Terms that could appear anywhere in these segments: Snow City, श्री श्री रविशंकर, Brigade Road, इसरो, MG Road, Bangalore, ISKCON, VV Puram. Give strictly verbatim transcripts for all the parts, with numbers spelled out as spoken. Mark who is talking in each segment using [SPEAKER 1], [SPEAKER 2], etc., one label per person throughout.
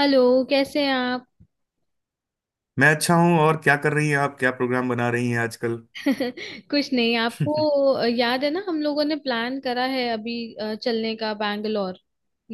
[SPEAKER 1] Hello. कैसे हैं आप?
[SPEAKER 2] मैं अच्छा हूँ। और क्या कर रही हैं आप? क्या प्रोग्राम बना रही हैं आजकल?
[SPEAKER 1] कुछ नहीं, आपको याद है ना, हम लोगों ने प्लान करा है अभी अ, चलने का, बैंगलोर।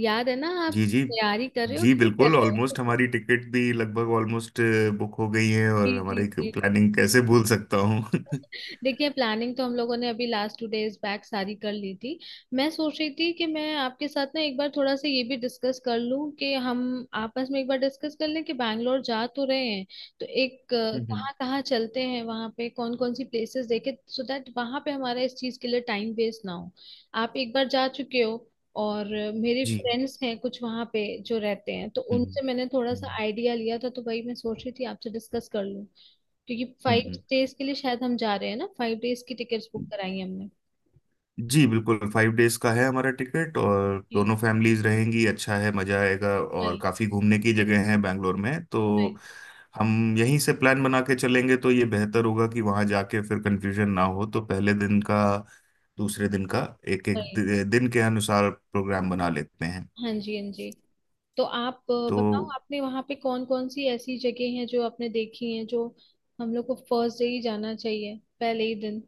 [SPEAKER 1] याद है ना आप?
[SPEAKER 2] जी जी।
[SPEAKER 1] तैयारी कर रहे हो
[SPEAKER 2] जी
[SPEAKER 1] कि नहीं कर
[SPEAKER 2] बिल्कुल,
[SPEAKER 1] रहे
[SPEAKER 2] ऑलमोस्ट
[SPEAKER 1] हो?
[SPEAKER 2] हमारी टिकट भी लगभग ऑलमोस्ट बुक हो गई है और
[SPEAKER 1] जी जी
[SPEAKER 2] हमारी
[SPEAKER 1] जी।
[SPEAKER 2] प्लानिंग कैसे भूल सकता हूँ? जी।
[SPEAKER 1] देखिए, प्लानिंग तो हम लोगों ने अभी लास्ट टू डेज बैक सारी कर ली थी। मैं सोच रही थी कि मैं आपके साथ ना एक बार थोड़ा सा ये भी डिस्कस कर लूं कि हम आपस में एक बार डिस्कस कर लें कि बैंगलोर जा तो रहे हैं, तो एक अ,
[SPEAKER 2] हम्म।
[SPEAKER 1] कहाँ कहाँ चलते हैं, वहाँ पे कौन कौन सी प्लेसेस देखे, सो दैट वहाँ पे हमारा इस चीज़ के लिए टाइम वेस्ट ना हो। आप एक बार जा चुके हो, और मेरे
[SPEAKER 2] जी।
[SPEAKER 1] फ्रेंड्स हैं कुछ वहाँ पे जो रहते हैं, तो
[SPEAKER 2] हम्म।
[SPEAKER 1] उनसे मैंने थोड़ा सा आइडिया लिया था, तो वही मैं सोच रही थी आपसे डिस्कस कर लूं। क्योंकि फाइव
[SPEAKER 2] हम्म,
[SPEAKER 1] डेज के लिए शायद हम जा रहे हैं ना, फाइव डेज की टिकट्स बुक
[SPEAKER 2] हम्म।
[SPEAKER 1] कराई है हमने।
[SPEAKER 2] जी बिल्कुल, फाइव डेज का है हमारा टिकट और
[SPEAKER 1] जी,
[SPEAKER 2] दोनों फैमिलीज रहेंगी। अच्छा है, मजा आएगा और
[SPEAKER 1] वही
[SPEAKER 2] काफी घूमने की जगह है बैंगलोर में। तो
[SPEAKER 1] वही
[SPEAKER 2] हम यहीं से प्लान बना के चलेंगे तो ये बेहतर होगा कि वहां जाके फिर कंफ्यूजन ना हो। तो पहले दिन का, दूसरे दिन का, एक एक
[SPEAKER 1] वही।
[SPEAKER 2] दिन के अनुसार प्रोग्राम बना लेते हैं।
[SPEAKER 1] हाँ जी, हाँ जी। तो आप अ,
[SPEAKER 2] तो
[SPEAKER 1] बताओ, आपने वहाँ पे कौन कौन सी ऐसी जगह हैं जो आपने देखी हैं, जो हम लोग को फर्स्ट डे ही जाना चाहिए, पहले ही दिन?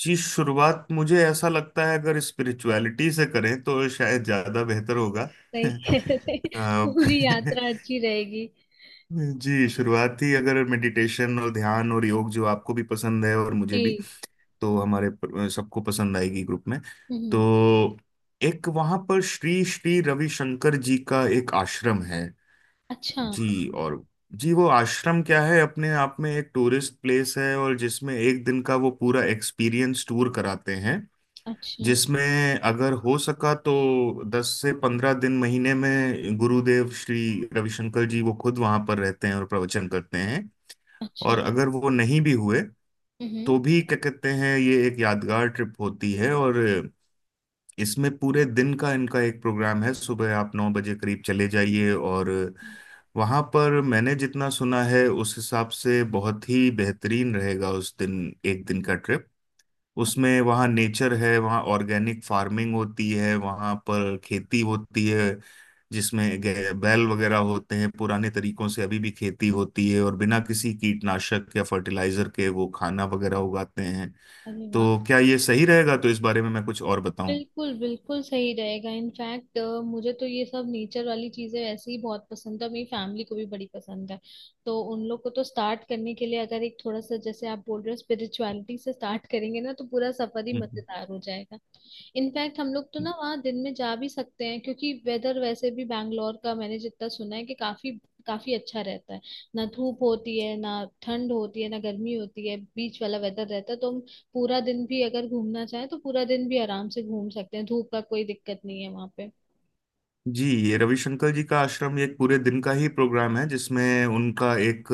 [SPEAKER 2] जी, शुरुआत मुझे ऐसा लगता है अगर स्पिरिचुअलिटी से करें तो शायद ज्यादा बेहतर होगा।
[SPEAKER 1] सही कह रहे हैं।
[SPEAKER 2] आप
[SPEAKER 1] पूरी यात्रा अच्छी रहेगी।
[SPEAKER 2] जी शुरुआती, अगर मेडिटेशन और ध्यान और योग जो आपको भी पसंद है और मुझे भी,
[SPEAKER 1] जी।
[SPEAKER 2] तो हमारे प- सबको पसंद आएगी ग्रुप में। तो
[SPEAKER 1] हम्म।
[SPEAKER 2] एक वहां पर श्री श्री रविशंकर जी का एक आश्रम है।
[SPEAKER 1] अच्छा
[SPEAKER 2] जी। और जी, वो आश्रम क्या है, अपने आप में एक टूरिस्ट प्लेस है और जिसमें एक दिन का वो पूरा एक्सपीरियंस टूर कराते हैं।
[SPEAKER 1] अच्छा
[SPEAKER 2] जिसमें अगर हो सका तो दस से पंद्रह दिन महीने में गुरुदेव श्री रविशंकर जी वो खुद वहां पर रहते हैं और प्रवचन करते हैं।
[SPEAKER 1] अच्छा।
[SPEAKER 2] और अगर वो नहीं भी हुए
[SPEAKER 1] हम्म।
[SPEAKER 2] तो भी क्या कहते हैं, ये एक यादगार ट्रिप होती है। और इसमें पूरे दिन का इनका एक प्रोग्राम है, सुबह आप नौ बजे करीब चले जाइए। और
[SPEAKER 1] हम्म।
[SPEAKER 2] वहाँ पर मैंने जितना सुना है उस हिसाब से बहुत ही बेहतरीन रहेगा उस दिन, एक दिन का ट्रिप। उसमें वहाँ नेचर है, वहाँ ऑर्गेनिक फार्मिंग होती है, वहाँ पर खेती होती है जिसमें गे- बैल वगैरह होते हैं, पुराने तरीकों से अभी भी खेती होती है और बिना किसी कीटनाशक या फर्टिलाइजर के वो खाना वगैरह उगाते हैं।
[SPEAKER 1] अरे वाह!
[SPEAKER 2] तो क्या ये सही रहेगा? तो इस बारे में मैं कुछ और बताऊं?
[SPEAKER 1] बिल्कुल बिल्कुल सही रहेगा, इनफैक्ट। मुझे तो ये सब नेचर वाली चीजें वैसे ही बहुत पसंद है, मेरी फैमिली को भी बड़ी पसंद है। तो उन लोग को तो स्टार्ट करने के लिए, अगर एक थोड़ा सा जैसे आप बोल रहे हो स्पिरिचुअलिटी से स्टार्ट करेंगे ना, तो पूरा सफर ही
[SPEAKER 2] हम्म।
[SPEAKER 1] मजेदार हो जाएगा। इनफैक्ट हम लोग तो ना वहाँ दिन में जा भी सकते हैं, क्योंकि वेदर वैसे भी बैंगलोर का मैंने जितना सुना है कि काफी काफी अच्छा रहता है। ना धूप होती है, ना ठंड होती है, ना गर्मी होती है, बीच वाला वेदर रहता है। तो हम पूरा दिन भी अगर घूमना चाहें तो पूरा दिन भी आराम से घूम सकते हैं, धूप का कोई दिक्कत नहीं है वहाँ पे।
[SPEAKER 2] जी, ये रविशंकर जी का आश्रम ये एक पूरे दिन का ही प्रोग्राम है जिसमें उनका एक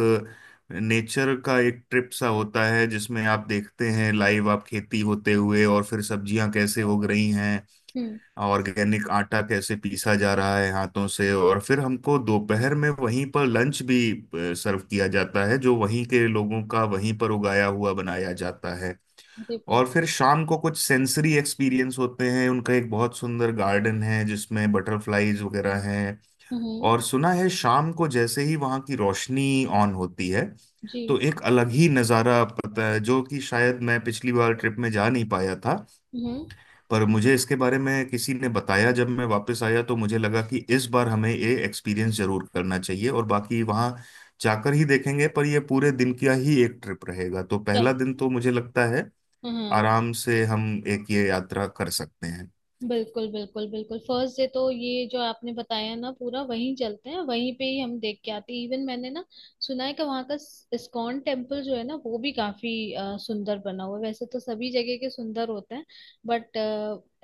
[SPEAKER 2] नेचर का एक ट्रिप सा होता है जिसमें आप देखते हैं लाइव, आप खेती होते हुए और फिर सब्जियां कैसे उग रही हैं,
[SPEAKER 1] हम्म।
[SPEAKER 2] ऑर्गेनिक आटा कैसे पीसा जा रहा है हाथों से। और फिर हमको दोपहर में वहीं पर लंच भी सर्व किया जाता है जो वहीं के लोगों का वहीं पर उगाया हुआ बनाया जाता है।
[SPEAKER 1] देखा।
[SPEAKER 2] और फिर शाम को कुछ सेंसरी एक्सपीरियंस होते हैं, उनका एक बहुत सुंदर गार्डन है जिसमें बटरफ्लाईज वगैरह हैं।
[SPEAKER 1] हम्म।
[SPEAKER 2] और सुना है शाम को जैसे ही वहां की रोशनी ऑन होती है
[SPEAKER 1] जी।
[SPEAKER 2] तो एक अलग ही नज़ारा, पता है, जो कि शायद मैं पिछली बार ट्रिप में जा नहीं पाया था
[SPEAKER 1] हम्म।
[SPEAKER 2] पर मुझे इसके बारे में किसी ने बताया जब मैं वापस आया तो मुझे लगा कि इस बार हमें ये एक्सपीरियंस जरूर करना चाहिए। और बाकी वहाँ जाकर ही देखेंगे, पर ये पूरे दिन का ही एक ट्रिप रहेगा। तो
[SPEAKER 1] चल।
[SPEAKER 2] पहला दिन तो मुझे लगता है
[SPEAKER 1] हाँ,
[SPEAKER 2] आराम से हम एक ये यात्रा कर सकते हैं।
[SPEAKER 1] बिल्कुल बिल्कुल बिल्कुल। फर्स्ट डे तो ये जो आपने बताया ना, पूरा वहीं चलते हैं, वहीं पे ही हम देख के आते हैं। इवन मैंने ना सुना है कि वहाँ का इस्कॉन टेम्पल जो है ना, वो भी काफी अ, सुंदर बना हुआ है। वैसे तो सभी जगह के सुंदर होते हैं, बट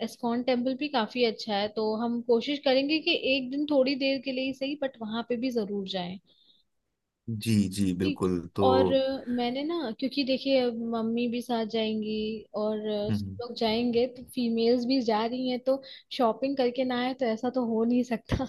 [SPEAKER 1] इस्कॉन टेम्पल भी काफी अच्छा है। तो हम कोशिश करेंगे कि एक दिन थोड़ी देर के लिए ही सही, बट वहां पे भी जरूर जाएं।
[SPEAKER 2] जी जी
[SPEAKER 1] जी।
[SPEAKER 2] बिल्कुल। तो
[SPEAKER 1] और अ, मैंने ना, क्योंकि देखिए अब मम्मी भी साथ जाएंगी, और अ, सब लोग जाएंगे, तो फीमेल्स भी जा रही हैं, तो शॉपिंग करके ना आए तो ऐसा तो हो नहीं सकता।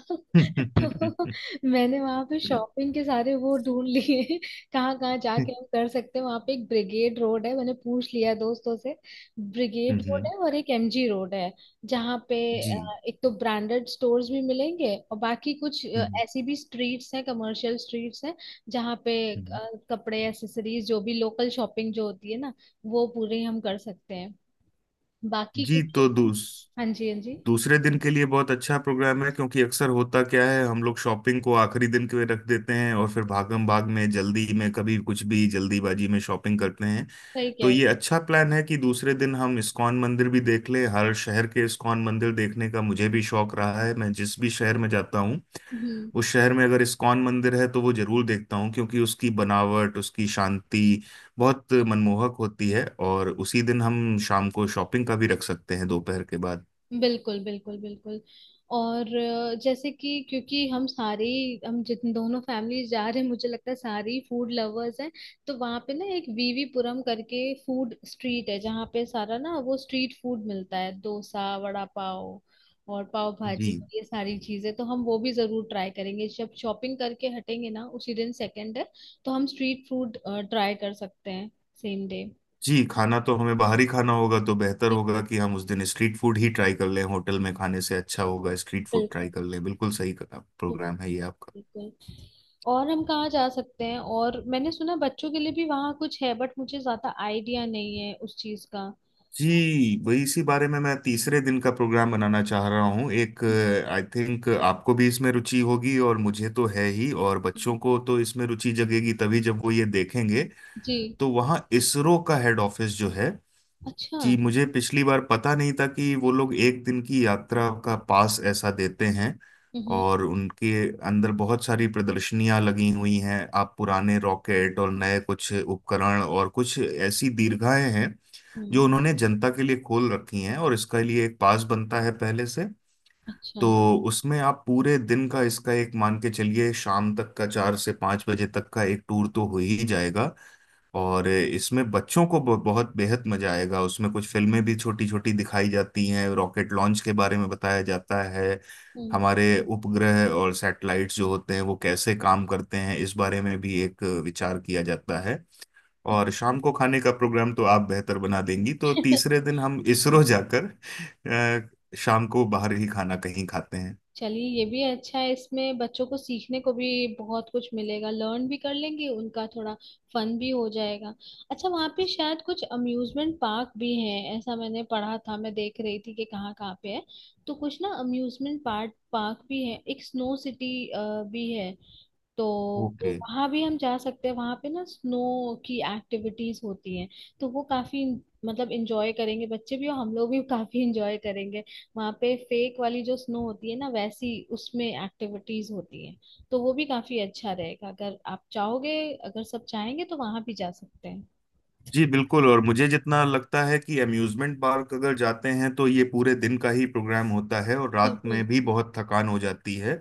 [SPEAKER 1] तो मैंने वहां पे
[SPEAKER 2] हम्म।
[SPEAKER 1] शॉपिंग के सारे वो ढूंढ लिए, कहाँ कहाँ जाके हम कर सकते हैं। वहां पे एक ब्रिगेड रोड है, मैंने पूछ लिया दोस्तों से। ब्रिगेड रोड है और एक एमजी रोड है, जहाँ पे
[SPEAKER 2] जी।
[SPEAKER 1] अ, एक तो ब्रांडेड स्टोर्स भी मिलेंगे, और बाकी कुछ अ,
[SPEAKER 2] हम्म।
[SPEAKER 1] ऐसी भी स्ट्रीट्स हैं, कमर्शियल स्ट्रीट्स हैं, जहाँ पे
[SPEAKER 2] हम्म।
[SPEAKER 1] अ, कपड़े, एसेसरीज, जो भी लोकल शॉपिंग जो होती है ना, वो पूरे हम कर सकते हैं। बाकी
[SPEAKER 2] जी तो
[SPEAKER 1] क्योंकि...
[SPEAKER 2] दूस,
[SPEAKER 1] हाँ जी, हाँ जी।
[SPEAKER 2] दूसरे दिन के लिए बहुत अच्छा प्रोग्राम है, क्योंकि अक्सर होता क्या है हम लोग शॉपिंग को आखिरी दिन के लिए रख देते हैं और फिर भागम भाग में, जल्दी में, कभी कुछ भी जल्दीबाजी में शॉपिंग करते हैं।
[SPEAKER 1] सही कह रहे
[SPEAKER 2] तो
[SPEAKER 1] हैं।
[SPEAKER 2] ये अच्छा प्लान है कि दूसरे दिन हम इस्कॉन मंदिर भी देख लें। हर शहर के इस्कॉन मंदिर देखने का मुझे भी शौक रहा है, मैं जिस भी शहर में जाता हूँ
[SPEAKER 1] हम्म।
[SPEAKER 2] उस शहर में अगर इस्कॉन मंदिर है तो वो जरूर देखता हूँ क्योंकि उसकी बनावट, उसकी शांति बहुत मनमोहक होती है। और उसी दिन हम शाम को शॉपिंग का भी रख सकते हैं, दोपहर के बाद।
[SPEAKER 1] बिल्कुल बिल्कुल बिल्कुल। और अ, जैसे कि क्योंकि हम सारे ही- हम जितने दोनों फैमिली जा रहे हैं, मुझे लगता है सारी फूड लवर्स हैं। तो वहाँ पे ना एक वीवीपुरम करके फूड स्ट्रीट है, जहाँ पे सारा ना वो स्ट्रीट फूड मिलता है, डोसा, वड़ा पाव और पाव
[SPEAKER 2] जी
[SPEAKER 1] भाजी, ये सारी चीजें तो हम वो भी जरूर ट्राई करेंगे, जब शॉपिंग करके हटेंगे ना, उसी दिन, सेकंड है। तो हम स्ट्रीट फूड ट्राई कर सकते हैं, सेम डे।
[SPEAKER 2] जी। खाना तो हमें बाहर ही खाना होगा तो बेहतर होगा कि हम उस दिन स्ट्रीट फूड ही ट्राई कर लें। होटल में खाने से अच्छा होगा स्ट्रीट फूड
[SPEAKER 1] बिल्कुल
[SPEAKER 2] ट्राई कर लें। बिल्कुल सही प्रोग्राम है ये आपका।
[SPEAKER 1] बिल्कुल। और हम कहाँ जा सकते हैं? और मैंने सुना बच्चों के लिए भी वहाँ कुछ है, बट मुझे ज्यादा आइडिया नहीं है उस चीज का।
[SPEAKER 2] जी वही, इसी बारे में मैं तीसरे दिन का प्रोग्राम बनाना चाह रहा हूँ। एक आई थिंक आपको भी इसमें रुचि होगी और मुझे तो है ही, और
[SPEAKER 1] हम्म,
[SPEAKER 2] बच्चों को तो इसमें रुचि जगेगी तभी जब वो ये देखेंगे।
[SPEAKER 1] जी।
[SPEAKER 2] तो वहाँ इसरो का हेड ऑफिस जो है,
[SPEAKER 1] अच्छा।
[SPEAKER 2] कि मुझे पिछली बार पता नहीं था कि वो लोग एक दिन की यात्रा का पास ऐसा देते हैं।
[SPEAKER 1] हम्म,
[SPEAKER 2] और उनके अंदर बहुत सारी प्रदर्शनियां लगी हुई हैं, आप पुराने रॉकेट और नए कुछ उपकरण और कुछ ऐसी दीर्घाएं हैं जो
[SPEAKER 1] हम्म।
[SPEAKER 2] उन्होंने जनता के लिए खोल रखी हैं, और इसके लिए एक पास बनता है पहले से।
[SPEAKER 1] अच्छा।
[SPEAKER 2] तो उसमें आप पूरे दिन का इसका, एक मान के चलिए शाम तक का, चार से पाँच बजे तक का एक टूर तो हो ही जाएगा। और इसमें बच्चों को ब- बहुत बेहद मजा आएगा, उसमें कुछ फिल्में भी छोटी छोटी दिखाई जाती हैं, रॉकेट लॉन्च के बारे में बताया जाता है।
[SPEAKER 1] हम्म।
[SPEAKER 2] हमारे उपग्रह और सैटेलाइट्स जो होते हैं वो कैसे काम करते हैं इस बारे में भी एक विचार किया जाता है। और
[SPEAKER 1] हम्म।
[SPEAKER 2] शाम को खाने का प्रोग्राम तो आप बेहतर बना देंगी, तो तीसरे दिन हम
[SPEAKER 1] हम्म।
[SPEAKER 2] इसरो जाकर अ, शाम को बाहर ही खाना कहीं खाते हैं।
[SPEAKER 1] चलिए, ये भी अच्छा है, इसमें बच्चों को सीखने को भी बहुत कुछ मिलेगा, लर्न भी कर लेंगे, उनका थोड़ा फन भी हो जाएगा। अच्छा, वहाँ पे शायद कुछ अम्यूजमेंट पार्क भी हैं, ऐसा मैंने पढ़ा था, मैं देख रही थी कि कहाँ कहाँ पे है। तो कुछ ना, अम्यूजमेंट पार्क पार्क भी है, एक स्नो सिटी भी है। तो
[SPEAKER 2] ओके।
[SPEAKER 1] वहां भी हम जा सकते हैं, वहां पे ना स्नो की एक्टिविटीज होती हैं। तो वो काफी, मतलब, इंजॉय करेंगे बच्चे भी और हम लोग भी। काफी इंजॉय करेंगे। वहां पे फेक वाली जो स्नो होती है ना, वैसी उसमें एक्टिविटीज होती हैं। तो वो भी काफी अच्छा रहेगा, अगर आप चाहोगे, अगर सब चाहेंगे तो वहां भी जा सकते हैं।
[SPEAKER 2] जी बिल्कुल, और मुझे जितना लगता है कि अम्यूजमेंट पार्क अगर जाते हैं तो ये पूरे दिन का ही प्रोग्राम होता है और रात
[SPEAKER 1] बिल्कुल।
[SPEAKER 2] में भी बहुत थकान हो जाती है।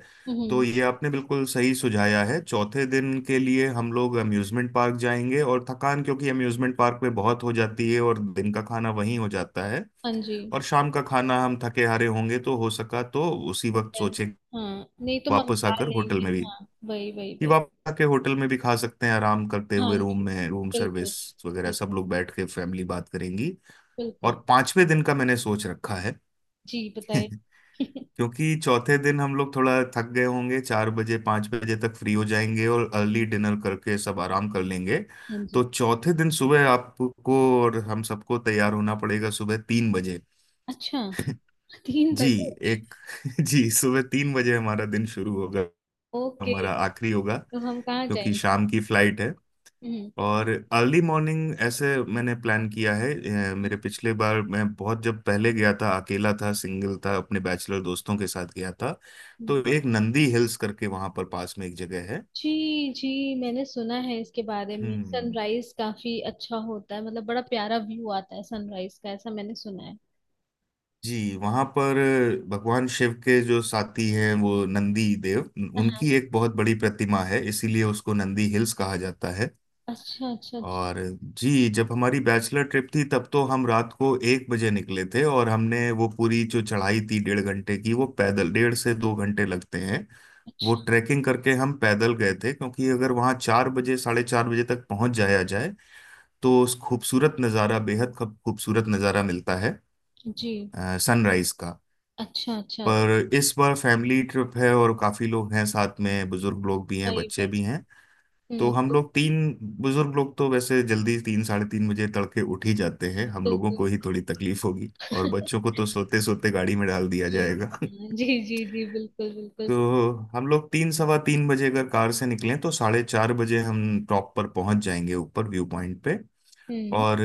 [SPEAKER 2] तो
[SPEAKER 1] हम्म।
[SPEAKER 2] ये आपने बिल्कुल सही सुझाया है, चौथे दिन के लिए हम लोग अम्यूजमेंट पार्क जाएंगे। और थकान क्योंकि अम्यूजमेंट पार्क में बहुत हो जाती है और दिन का खाना वहीं हो जाता है,
[SPEAKER 1] हाँ जी।
[SPEAKER 2] और शाम का खाना हम थके हारे होंगे तो हो सका तो उसी वक्त
[SPEAKER 1] Okay.
[SPEAKER 2] सोचेंगे।
[SPEAKER 1] हाँ, नहीं तो
[SPEAKER 2] वापस
[SPEAKER 1] मंगवा
[SPEAKER 2] आकर होटल
[SPEAKER 1] लेंगे।
[SPEAKER 2] में भी,
[SPEAKER 1] हाँ, वही वही
[SPEAKER 2] कि
[SPEAKER 1] वही।
[SPEAKER 2] वापस आके होटल में भी खा सकते हैं आराम करते
[SPEAKER 1] हाँ
[SPEAKER 2] हुए रूम
[SPEAKER 1] जी।
[SPEAKER 2] में, रूम
[SPEAKER 1] बिल्कुल
[SPEAKER 2] सर्विस वगैरह, सब
[SPEAKER 1] बिल्कुल
[SPEAKER 2] लोग बैठ के फैमिली बात करेंगी।
[SPEAKER 1] बिल्कुल।
[SPEAKER 2] और पांचवें दिन का मैंने सोच रखा है।
[SPEAKER 1] जी, बताइए।
[SPEAKER 2] क्योंकि चौथे दिन हम लोग थोड़ा थक गए होंगे, चार बजे पांच बजे तक फ्री हो जाएंगे और अर्ली डिनर करके सब आराम कर लेंगे।
[SPEAKER 1] हाँ
[SPEAKER 2] तो
[SPEAKER 1] जी।
[SPEAKER 2] चौथे दिन सुबह आपको और हम सबको तैयार होना पड़ेगा सुबह तीन बजे।
[SPEAKER 1] अच्छा, तीन
[SPEAKER 2] जी
[SPEAKER 1] बजे
[SPEAKER 2] एक। जी, सुबह तीन बजे हमारा दिन शुरू होगा,
[SPEAKER 1] ओके,
[SPEAKER 2] हमारा आखिरी होगा।
[SPEAKER 1] तो हम कहाँ
[SPEAKER 2] क्योंकि
[SPEAKER 1] जाएंगे?
[SPEAKER 2] शाम की फ्लाइट है
[SPEAKER 1] हम्म।
[SPEAKER 2] और अर्ली मॉर्निंग ऐसे मैंने प्लान किया है। अ,
[SPEAKER 1] हम्म,
[SPEAKER 2] मेरे पिछले बार मैं बहुत, जब पहले गया था, अकेला था, सिंगल था, अपने बैचलर दोस्तों के साथ गया था,
[SPEAKER 1] हम्म।
[SPEAKER 2] तो एक नंदी हिल्स करके वहां पर पास में एक जगह है।
[SPEAKER 1] जी जी, मैंने सुना है इसके बारे में,
[SPEAKER 2] हम्म।
[SPEAKER 1] सनराइज काफी अच्छा होता है, मतलब बड़ा प्यारा व्यू आता है सनराइज का, ऐसा मैंने सुना है।
[SPEAKER 2] जी वहां पर भगवान शिव के जो साथी हैं वो नंदी देव, उनकी
[SPEAKER 1] हाँ।
[SPEAKER 2] एक बहुत बड़ी प्रतिमा है इसीलिए उसको नंदी हिल्स कहा जाता है।
[SPEAKER 1] अच्छा अच्छा अच्छा।
[SPEAKER 2] और जी, जब हमारी बैचलर ट्रिप थी तब तो हम रात को एक बजे निकले थे और हमने वो पूरी जो चढ़ाई थी, डेढ़ घंटे की, वो पैदल डेढ़ से दो घंटे लगते हैं। वो
[SPEAKER 1] अच्छा,
[SPEAKER 2] ट्रैकिंग करके हम पैदल गए थे क्योंकि अगर वहाँ चार बजे साढ़े चार बजे तक पहुँच जाया जाए तो उस खूबसूरत नज़ारा, बेहद खूब- खूबसूरत नज़ारा मिलता है
[SPEAKER 1] जी।
[SPEAKER 2] सनराइज का।
[SPEAKER 1] अच्छा अच्छा।
[SPEAKER 2] पर इस बार फैमिली ट्रिप है और काफ़ी लोग हैं साथ में, बुजुर्ग लोग भी हैं,
[SPEAKER 1] सही
[SPEAKER 2] बच्चे
[SPEAKER 1] में।
[SPEAKER 2] भी हैं। तो
[SPEAKER 1] हम्म,
[SPEAKER 2] हम
[SPEAKER 1] तो-
[SPEAKER 2] लोग तीन, बुजुर्ग लोग तो वैसे जल्दी तीन साढ़े तीन बजे तड़के उठ ही जाते हैं, हम लोगों
[SPEAKER 1] बिल्कुल।
[SPEAKER 2] को ही थोड़ी तकलीफ होगी और बच्चों को तो सोते सोते गाड़ी में डाल दिया
[SPEAKER 1] जी।
[SPEAKER 2] जाएगा।
[SPEAKER 1] हाँ, जी जी जी, बिल्कुल बिल्कुल।
[SPEAKER 2] तो हम लोग तीन सवा तीन बजे अगर कार से निकलें तो साढ़े चार बजे हम टॉप पर पहुंच जाएंगे ऊपर व्यू पॉइंट पे।
[SPEAKER 1] सही। हम्म।
[SPEAKER 2] और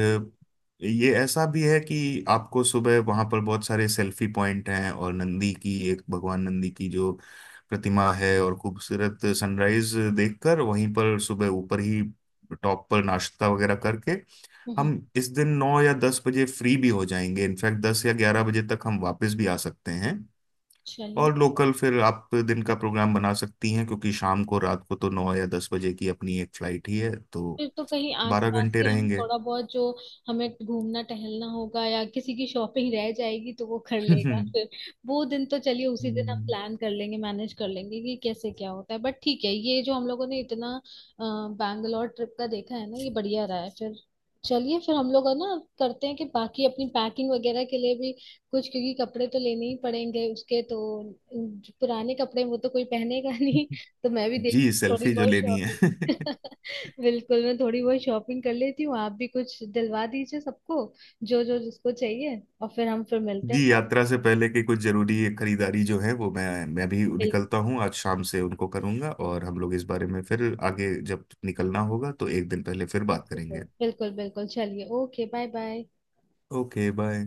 [SPEAKER 2] ये ऐसा भी है कि आपको सुबह वहां पर बहुत सारे सेल्फी पॉइंट हैं और नंदी की एक, भगवान नंदी की जो प्रतिमा है, और खूबसूरत सनराइज देखकर वहीं पर सुबह ऊपर ही टॉप पर नाश्ता वगैरह करके
[SPEAKER 1] हम्म,
[SPEAKER 2] हम इस दिन नौ या दस बजे फ्री भी हो जाएंगे, इनफैक्ट दस या ग्यारह बजे तक हम वापस भी आ सकते हैं।
[SPEAKER 1] चलिए,
[SPEAKER 2] और लोकल फिर आप दिन का प्रोग्राम बना सकती हैं क्योंकि शाम को रात को तो नौ या दस बजे की अपनी एक फ्लाइट ही है, तो
[SPEAKER 1] फिर तो कहीं
[SPEAKER 2] बारह
[SPEAKER 1] आसपास
[SPEAKER 2] घंटे
[SPEAKER 1] ही हम
[SPEAKER 2] रहेंगे।
[SPEAKER 1] थोड़ा बहुत जो हमें घूमना टहलना होगा, या किसी की शॉपिंग रह जाएगी तो वो कर लेगा। फिर वो दिन तो, चलिए, उसी दिन हम
[SPEAKER 2] हम्म।
[SPEAKER 1] प्लान कर लेंगे, मैनेज कर लेंगे कि कैसे क्या होता है। बट ठीक है, ये जो हम लोगों ने इतना अ, बैंगलोर ट्रिप का देखा है ना, ये बढ़िया रहा है। फिर चलिए, फिर हम लोग है ना, करते हैं कि बाकी अपनी पैकिंग वगैरह के लिए भी कुछ, क्योंकि कपड़े तो लेने ही पड़ेंगे उसके, तो जो पुराने कपड़े हैं, वो तो कोई पहनेगा नहीं, तो मैं भी देख
[SPEAKER 2] जी
[SPEAKER 1] थोड़ी
[SPEAKER 2] सेल्फी जो
[SPEAKER 1] बहुत
[SPEAKER 2] लेनी
[SPEAKER 1] शॉपिंग।
[SPEAKER 2] है।
[SPEAKER 1] बिल्कुल, मैं थोड़ी बहुत शॉपिंग कर लेती हूँ, आप भी कुछ दिलवा दीजिए सबको, जो जो जिसको चाहिए, और फिर हम फिर मिलते
[SPEAKER 2] जी
[SPEAKER 1] हैं।
[SPEAKER 2] यात्रा से पहले की कुछ जरूरी खरीदारी जो है वो मैं मैं भी निकलता हूँ, आज शाम से उनको करूंगा और हम लोग इस बारे में फिर आगे जब निकलना होगा तो एक दिन पहले फिर बात
[SPEAKER 1] बिल्कुल
[SPEAKER 2] करेंगे।
[SPEAKER 1] बिल्कुल बिल्कुल। चलिए, okay, bye bye.
[SPEAKER 2] Okay bye.